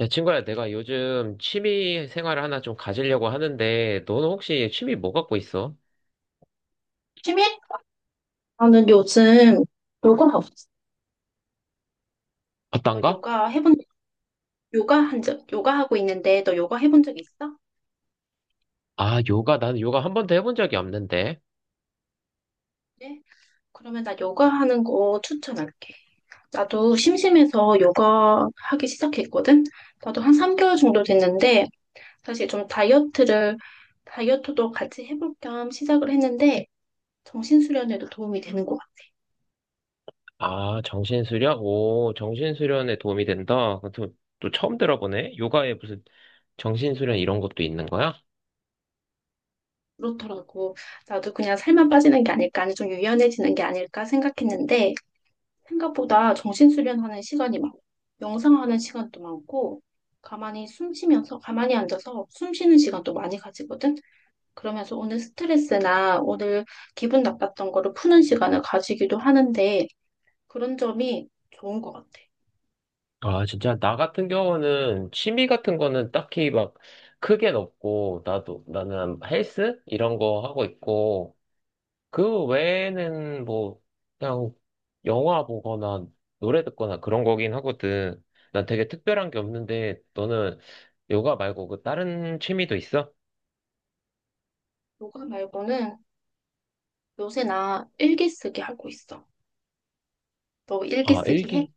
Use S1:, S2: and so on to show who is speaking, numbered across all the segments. S1: 야, 친구야, 내가 요즘 취미 생활을 하나 좀 가지려고 하는데, 너는 혹시 취미 뭐 갖고 있어?
S2: 취미? 나는 요즘 요가 없어. 너
S1: 어떤가?
S2: 요가 해본, 요가 하고 있는데 너 요가 해본 적 있어?
S1: 아, 요가. 나는 요가 한 번도 해본 적이 없는데.
S2: 네? 그러면 나 요가 하는 거 추천할게. 나도 심심해서 요가 하기 시작했거든? 나도 한 3개월 정도 됐는데, 사실 좀 다이어트도 같이 해볼 겸 시작을 했는데, 정신수련에도 도움이 되는 것 같아.
S1: 아, 정신수련? 오, 정신수련에 도움이 된다. 또 처음 들어보네? 요가에 무슨 정신수련 이런 것도 있는 거야?
S2: 그렇더라고. 나도 그냥 살만 빠지는 게 아닐까, 아니 좀 유연해지는 게 아닐까 생각했는데, 생각보다 정신수련하는 시간이 많아. 명상하는 시간도 많고, 가만히 앉아서 숨 쉬는 시간도 많이 가지거든? 그러면서 오늘 스트레스나 오늘 기분 나빴던 거를 푸는 시간을 가지기도 하는데, 그런 점이 좋은 것 같아.
S1: 아, 진짜. 나 같은 경우는 취미 같은 거는 딱히 막 크게는 없고, 나는 헬스? 이런 거 하고 있고, 그 외에는 뭐, 그냥 영화 보거나 노래 듣거나 그런 거긴 하거든. 난 되게 특별한 게 없는데, 너는 요가 말고 그 다른 취미도 있어?
S2: 요가 말고는 요새 나 일기 쓰기 하고 있어. 너 일기
S1: 아,
S2: 쓰기 해?
S1: 일기.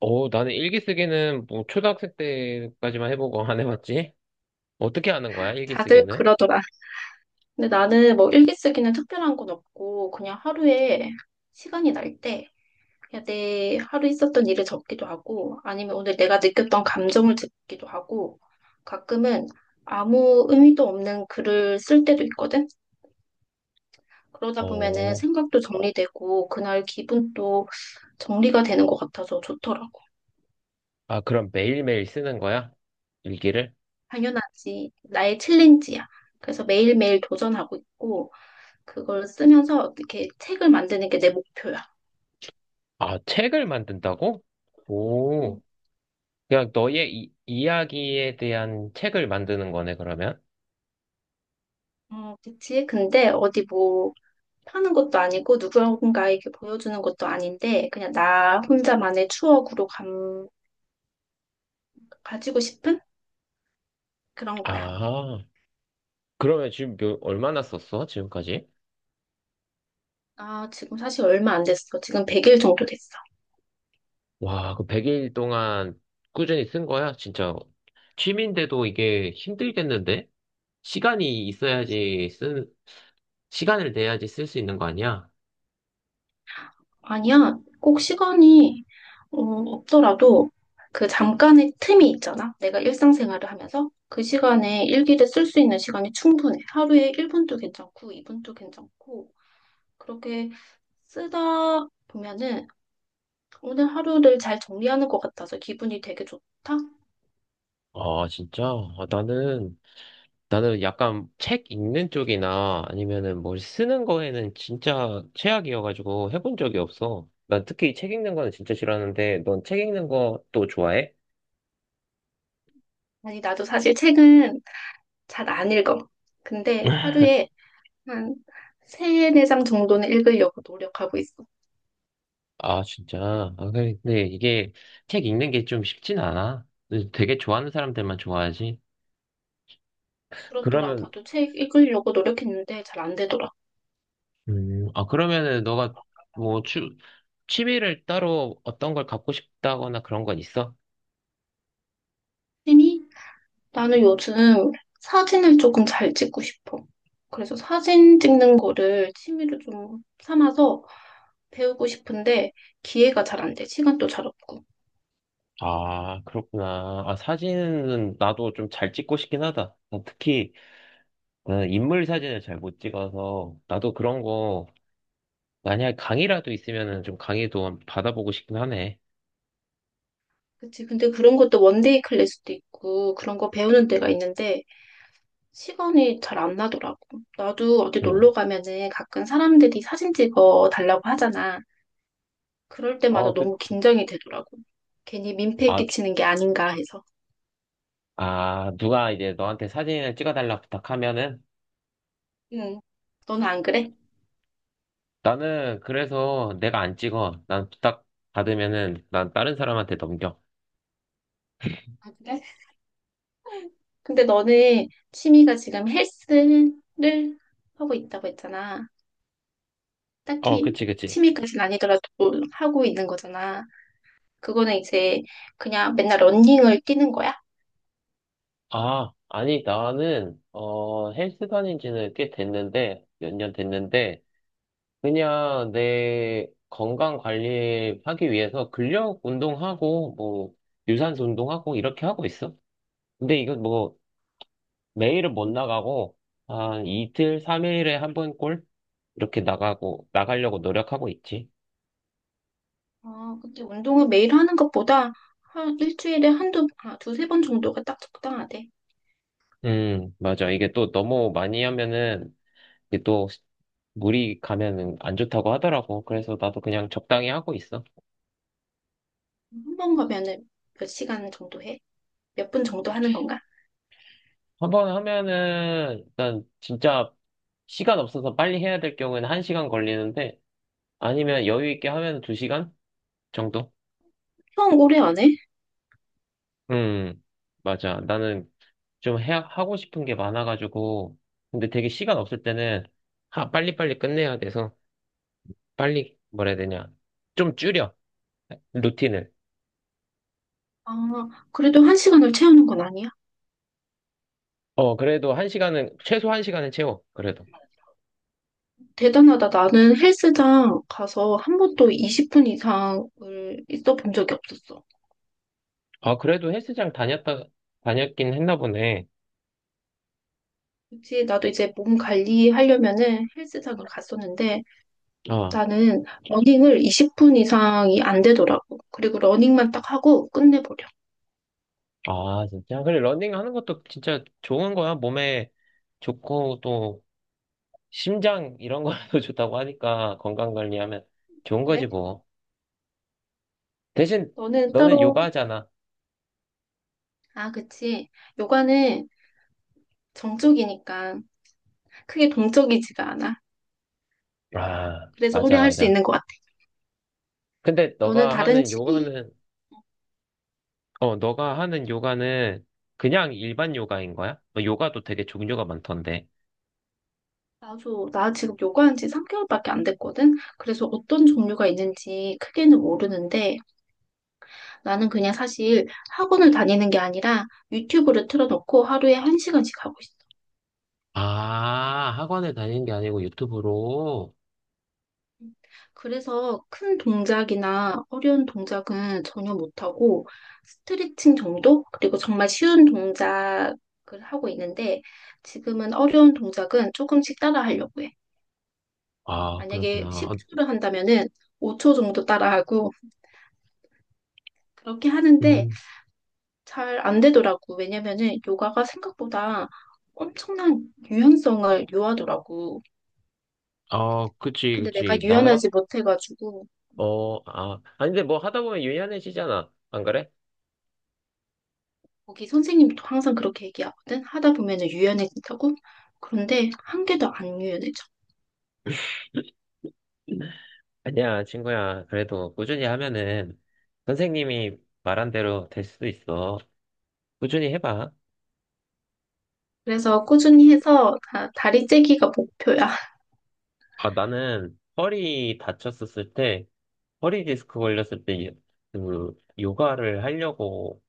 S1: 어, 나는 일기 쓰기는 뭐 초등학생 때까지만 해보고 안 해봤지? 어떻게 하는 거야, 일기
S2: 다들
S1: 쓰기는?
S2: 그러더라. 근데 나는 뭐 일기 쓰기는 특별한 건 없고, 그냥 하루에 시간이 날 때, 그냥 내 하루 있었던 일을 적기도 하고, 아니면 오늘 내가 느꼈던 감정을 적기도 하고, 가끔은 아무 의미도 없는 글을 쓸 때도 있거든? 그러다 보면은
S1: 어,
S2: 생각도 정리되고, 그날 기분도 정리가 되는 것 같아서 좋더라고.
S1: 아, 그럼 매일매일 쓰는 거야? 일기를?
S2: 당연하지. 나의 챌린지야. 그래서 매일매일 도전하고 있고, 그걸 쓰면서 어떻게 책을 만드는 게 내 목표야.
S1: 아, 책을 만든다고? 오, 그냥 너의 이야기에 대한 책을 만드는 거네, 그러면?
S2: 그치? 근데 어디 뭐, 파는 것도 아니고 누군가에게 보여주는 것도 아닌데 그냥 나 혼자만의 추억으로 가지고 싶은 그런 거야.
S1: 아. 그러면 지금 얼마나 썼어? 지금까지?
S2: 아, 지금 사실 얼마 안 됐어. 지금 100일 정도 됐어.
S1: 와, 그 100일 동안 꾸준히 쓴 거야? 진짜. 취미인데도 이게 힘들겠는데? 시간이 있어야지 시간을 내야지 쓸 수 있는 거 아니야?
S2: 아니야, 꼭 시간이 없더라도 그 잠깐의 틈이 있잖아. 내가 일상생활을 하면서 그 시간에 일기를 쓸 수 있는 시간이 충분해. 하루에 1분도 괜찮고 2분도 괜찮고 그렇게 쓰다 보면은 오늘 하루를 잘 정리하는 것 같아서 기분이 되게 좋다.
S1: 아, 진짜? 아, 나는 약간 책 읽는 쪽이나 아니면은 뭘 쓰는 거에는 진짜 최악이어가지고 해본 적이 없어. 난 특히 책 읽는 거는 진짜 싫어하는데, 넌 책 읽는 것도 좋아해?
S2: 아니, 나도 사실 책은 잘 안 읽어. 근데 하루에 한 세네 장 정도는 읽으려고 노력하고 있어.
S1: 아, 진짜. 아, 근데 이게 책 읽는 게 좀 쉽진 않아. 근데 되게 좋아하는 사람들만 좋아하지.
S2: 그렇더라.
S1: 그러면,
S2: 나도 책 읽으려고 노력했는데 잘 안 되더라.
S1: 아, 그러면은 너가 뭐 취미를 따로 어떤 걸 갖고 싶다거나 그런 건 있어?
S2: 취미? 나는 요즘 사진을 조금 잘 찍고 싶어. 그래서 사진 찍는 거를 취미로 좀 삼아서 배우고 싶은데 기회가 잘 안 돼. 시간도 잘 없고.
S1: 아, 그렇구나. 아, 사진은 나도 좀 잘 찍고 싶긴 하다. 난 특히 나는 인물 사진을 잘 못 찍어서 나도 그런 거 만약에 강의라도 있으면은 좀 강의도 받아보고 싶긴 하네.
S2: 그치. 근데 그런 것도 원데이 클래스도 있고 그런 거 배우는 데가 있는데 시간이 잘 안 나더라고. 나도 어디
S1: 응.
S2: 놀러 가면은 가끔 사람들이 사진 찍어 달라고 하잖아. 그럴 때마다
S1: 어,
S2: 너무
S1: 그치.
S2: 긴장이 되더라고. 괜히 민폐
S1: 아,
S2: 끼치는 게 아닌가 해서.
S1: 아, 누가 이제 너한테 사진을 찍어달라 부탁하면은
S2: 응. 너는 안 그래?
S1: 나는 그래서 내가 안 찍어. 난 부탁 받으면은 난 다른 사람한테 넘겨.
S2: 아, 그래? 근데 너는 취미가 지금 헬스를 하고 있다고 했잖아.
S1: 어,
S2: 딱히
S1: 그치, 그치.
S2: 취미까지는 아니더라도 하고 있는 거잖아. 그거는 이제 그냥 맨날 러닝을 뛰는 거야?
S1: 아, 아니, 나는, 헬스 다닌 지는 꽤 됐는데, 몇 년 됐는데, 그냥 내 건강 관리하기 위해서 근력 운동하고, 뭐, 유산소 운동하고, 이렇게 하고 있어. 근데 이거 뭐, 매일은 못 나가고, 한 이틀, 삼일에 한 번 꼴? 이렇게 나가려고 노력하고 있지.
S2: 아, 근데 운동을 매일 하는 것보다 한 일주일에 두세 번 정도가 딱 적당하대.
S1: 맞아. 이게 또 너무 많이 하면은, 이게 또 물이 가면은 안 좋다고 하더라고. 그래서 나도 그냥 적당히 하고 있어.
S2: 한 번 가면은 몇 시간 정도 해? 몇 분 정도 하는 건가?
S1: 한번 하면은, 일단 진짜 시간 없어서 빨리 해야 될 경우에는 1시간 걸리는데, 아니면 여유 있게 하면 2시간 정도?
S2: 형 오래 안 해?
S1: 음, 맞아. 나는 좀 하고 싶은 게 많아가지고, 근데 되게 시간 없을 때는, 빨리빨리 끝내야 돼서, 빨리, 뭐라 해야 되냐. 좀 줄여, 루틴을.
S2: 아, 그래도 한 시간을 채우는 건 아니야?
S1: 어, 그래도 1시간은, 최소 1시간은 채워, 그래도.
S2: 대단하다. 나는 헬스장 가서 한 번도 20분 이상을 있어 본 적이 없었어.
S1: 아, 그래도 헬스장 다녔긴 했나 보네.
S2: 그치, 나도 이제 몸 관리하려면은 헬스장을 갔었는데
S1: 어,
S2: 나는 러닝을 20분 이상이 안 되더라고. 그리고 러닝만 딱 하고 끝내버려.
S1: 아, 진짜. 그래, 러닝 하는 것도 진짜 좋은 거야. 몸에 좋고, 또, 심장, 이런 거도 좋다고 하니까, 건강 관리하면 좋은 거지, 뭐. 대신
S2: 너는
S1: 너는
S2: 따로,
S1: 요가잖아.
S2: 아, 그치. 요가는 정적이니까 크게 동적이지가 않아.
S1: 아,
S2: 그래서 오래
S1: 맞아,
S2: 할 수
S1: 맞아.
S2: 있는 것 같아.
S1: 근데
S2: 너는 다른 취미,
S1: 너가 하는 요가는 그냥 일반 요가인 거야? 너 요가도 되게 종류가 많던데.
S2: 나 지금 요가한 지 3개월밖에 안 됐거든? 그래서 어떤 종류가 있는지 크게는 모르는데 나는 그냥 사실 학원을 다니는 게 아니라 유튜브를 틀어놓고 하루에 1시간씩 하고 있어.
S1: 아, 학원을 다니는 게 아니고 유튜브로.
S2: 그래서 큰 동작이나 어려운 동작은 전혀 못하고 스트레칭 정도? 그리고 정말 쉬운 동작을 하고 있는데 지금은 어려운 동작은 조금씩 따라 하려고 해.
S1: 아,
S2: 만약에
S1: 그렇구나. 어,
S2: 10초를 한다면은 5초 정도 따라하고 그렇게 하는데
S1: 음,
S2: 잘 안 되더라고. 왜냐면은 요가가 생각보다 엄청난 유연성을 요하더라고.
S1: 어, 그치,
S2: 근데 내가
S1: 그치.
S2: 유연하지 못해가지고
S1: 아, 아니, 근데 뭐 하다 보면 유연해지잖아. 안 그래?
S2: 거기 선생님도 항상 그렇게 얘기하거든. 하다 보면은 유연해진다고. 그런데 1개도 안 유연해져.
S1: 아니야, 친구야. 그래도 꾸준히 하면은 선생님이 말한 대로 될 수도 있어. 꾸준히 해봐.
S2: 그래서 꾸준히 해서 다리 째기가 목표야.
S1: 아, 나는 허리 다쳤었을 때, 허리 디스크 걸렸을 때, 그, 요가를 하려고,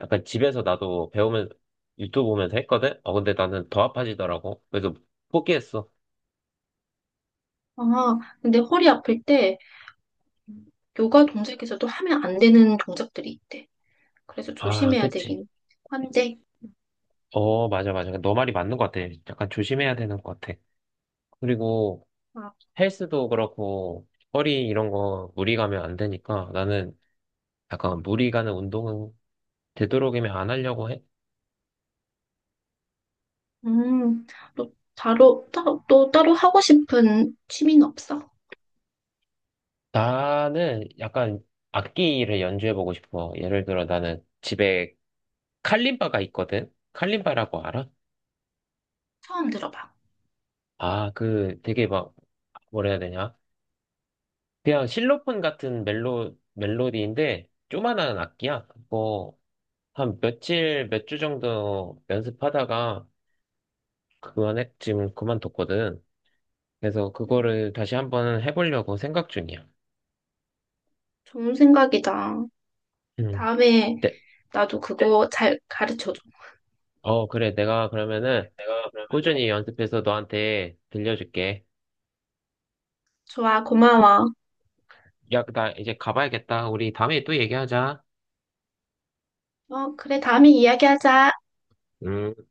S1: 약간 집에서 나도 배우면서, 유튜브 보면서 했거든? 어, 근데 나는 더 아파지더라고. 그래서 포기했어.
S2: 아, 근데 허리 아플 때 요가 동작에서도 하면 안 되는 동작들이 있대. 그래서
S1: 아,
S2: 조심해야
S1: 그치.
S2: 되긴 한데.
S1: 어, 맞아, 맞아. 너 말이 맞는 것 같아. 약간 조심해야 되는 것 같아. 그리고
S2: 아,
S1: 헬스도 그렇고, 허리 이런 거 무리 가면 안 되니까, 나는 약간 무리 가는 운동은 되도록이면 안 하려고 해.
S2: 음, 너 또 따로 하고 싶은 취미는 없어?
S1: 나는 약간 악기를 연주해보고 싶어. 예를 들어 나는 집에 칼림바가 있거든? 칼림바라고 알아?
S2: 처음 들어봐.
S1: 아, 그 되게 막, 뭐라 해야 되냐? 그냥 실로폰 같은 멜로디인데, 조만한 악기야. 그거 한 며칠, 몇 주 정도 연습하다가 그만에 지금 그만뒀거든. 그래서
S2: 음,
S1: 그거를 다시 한번 해보려고 생각 중이야.
S2: 좋은 생각이다.
S1: 음.
S2: 다음에
S1: 네.
S2: 나도 그거 잘 가르쳐줘.
S1: 어, 그래. 내가 그러면은 꾸준히 연습해서 너한테 들려줄게.
S2: 좋아, 고마워.
S1: 야, 나 이제 가봐야겠다. 우리 다음에 또 얘기하자.
S2: 어, 그래, 다음에 이야기하자.
S1: 음.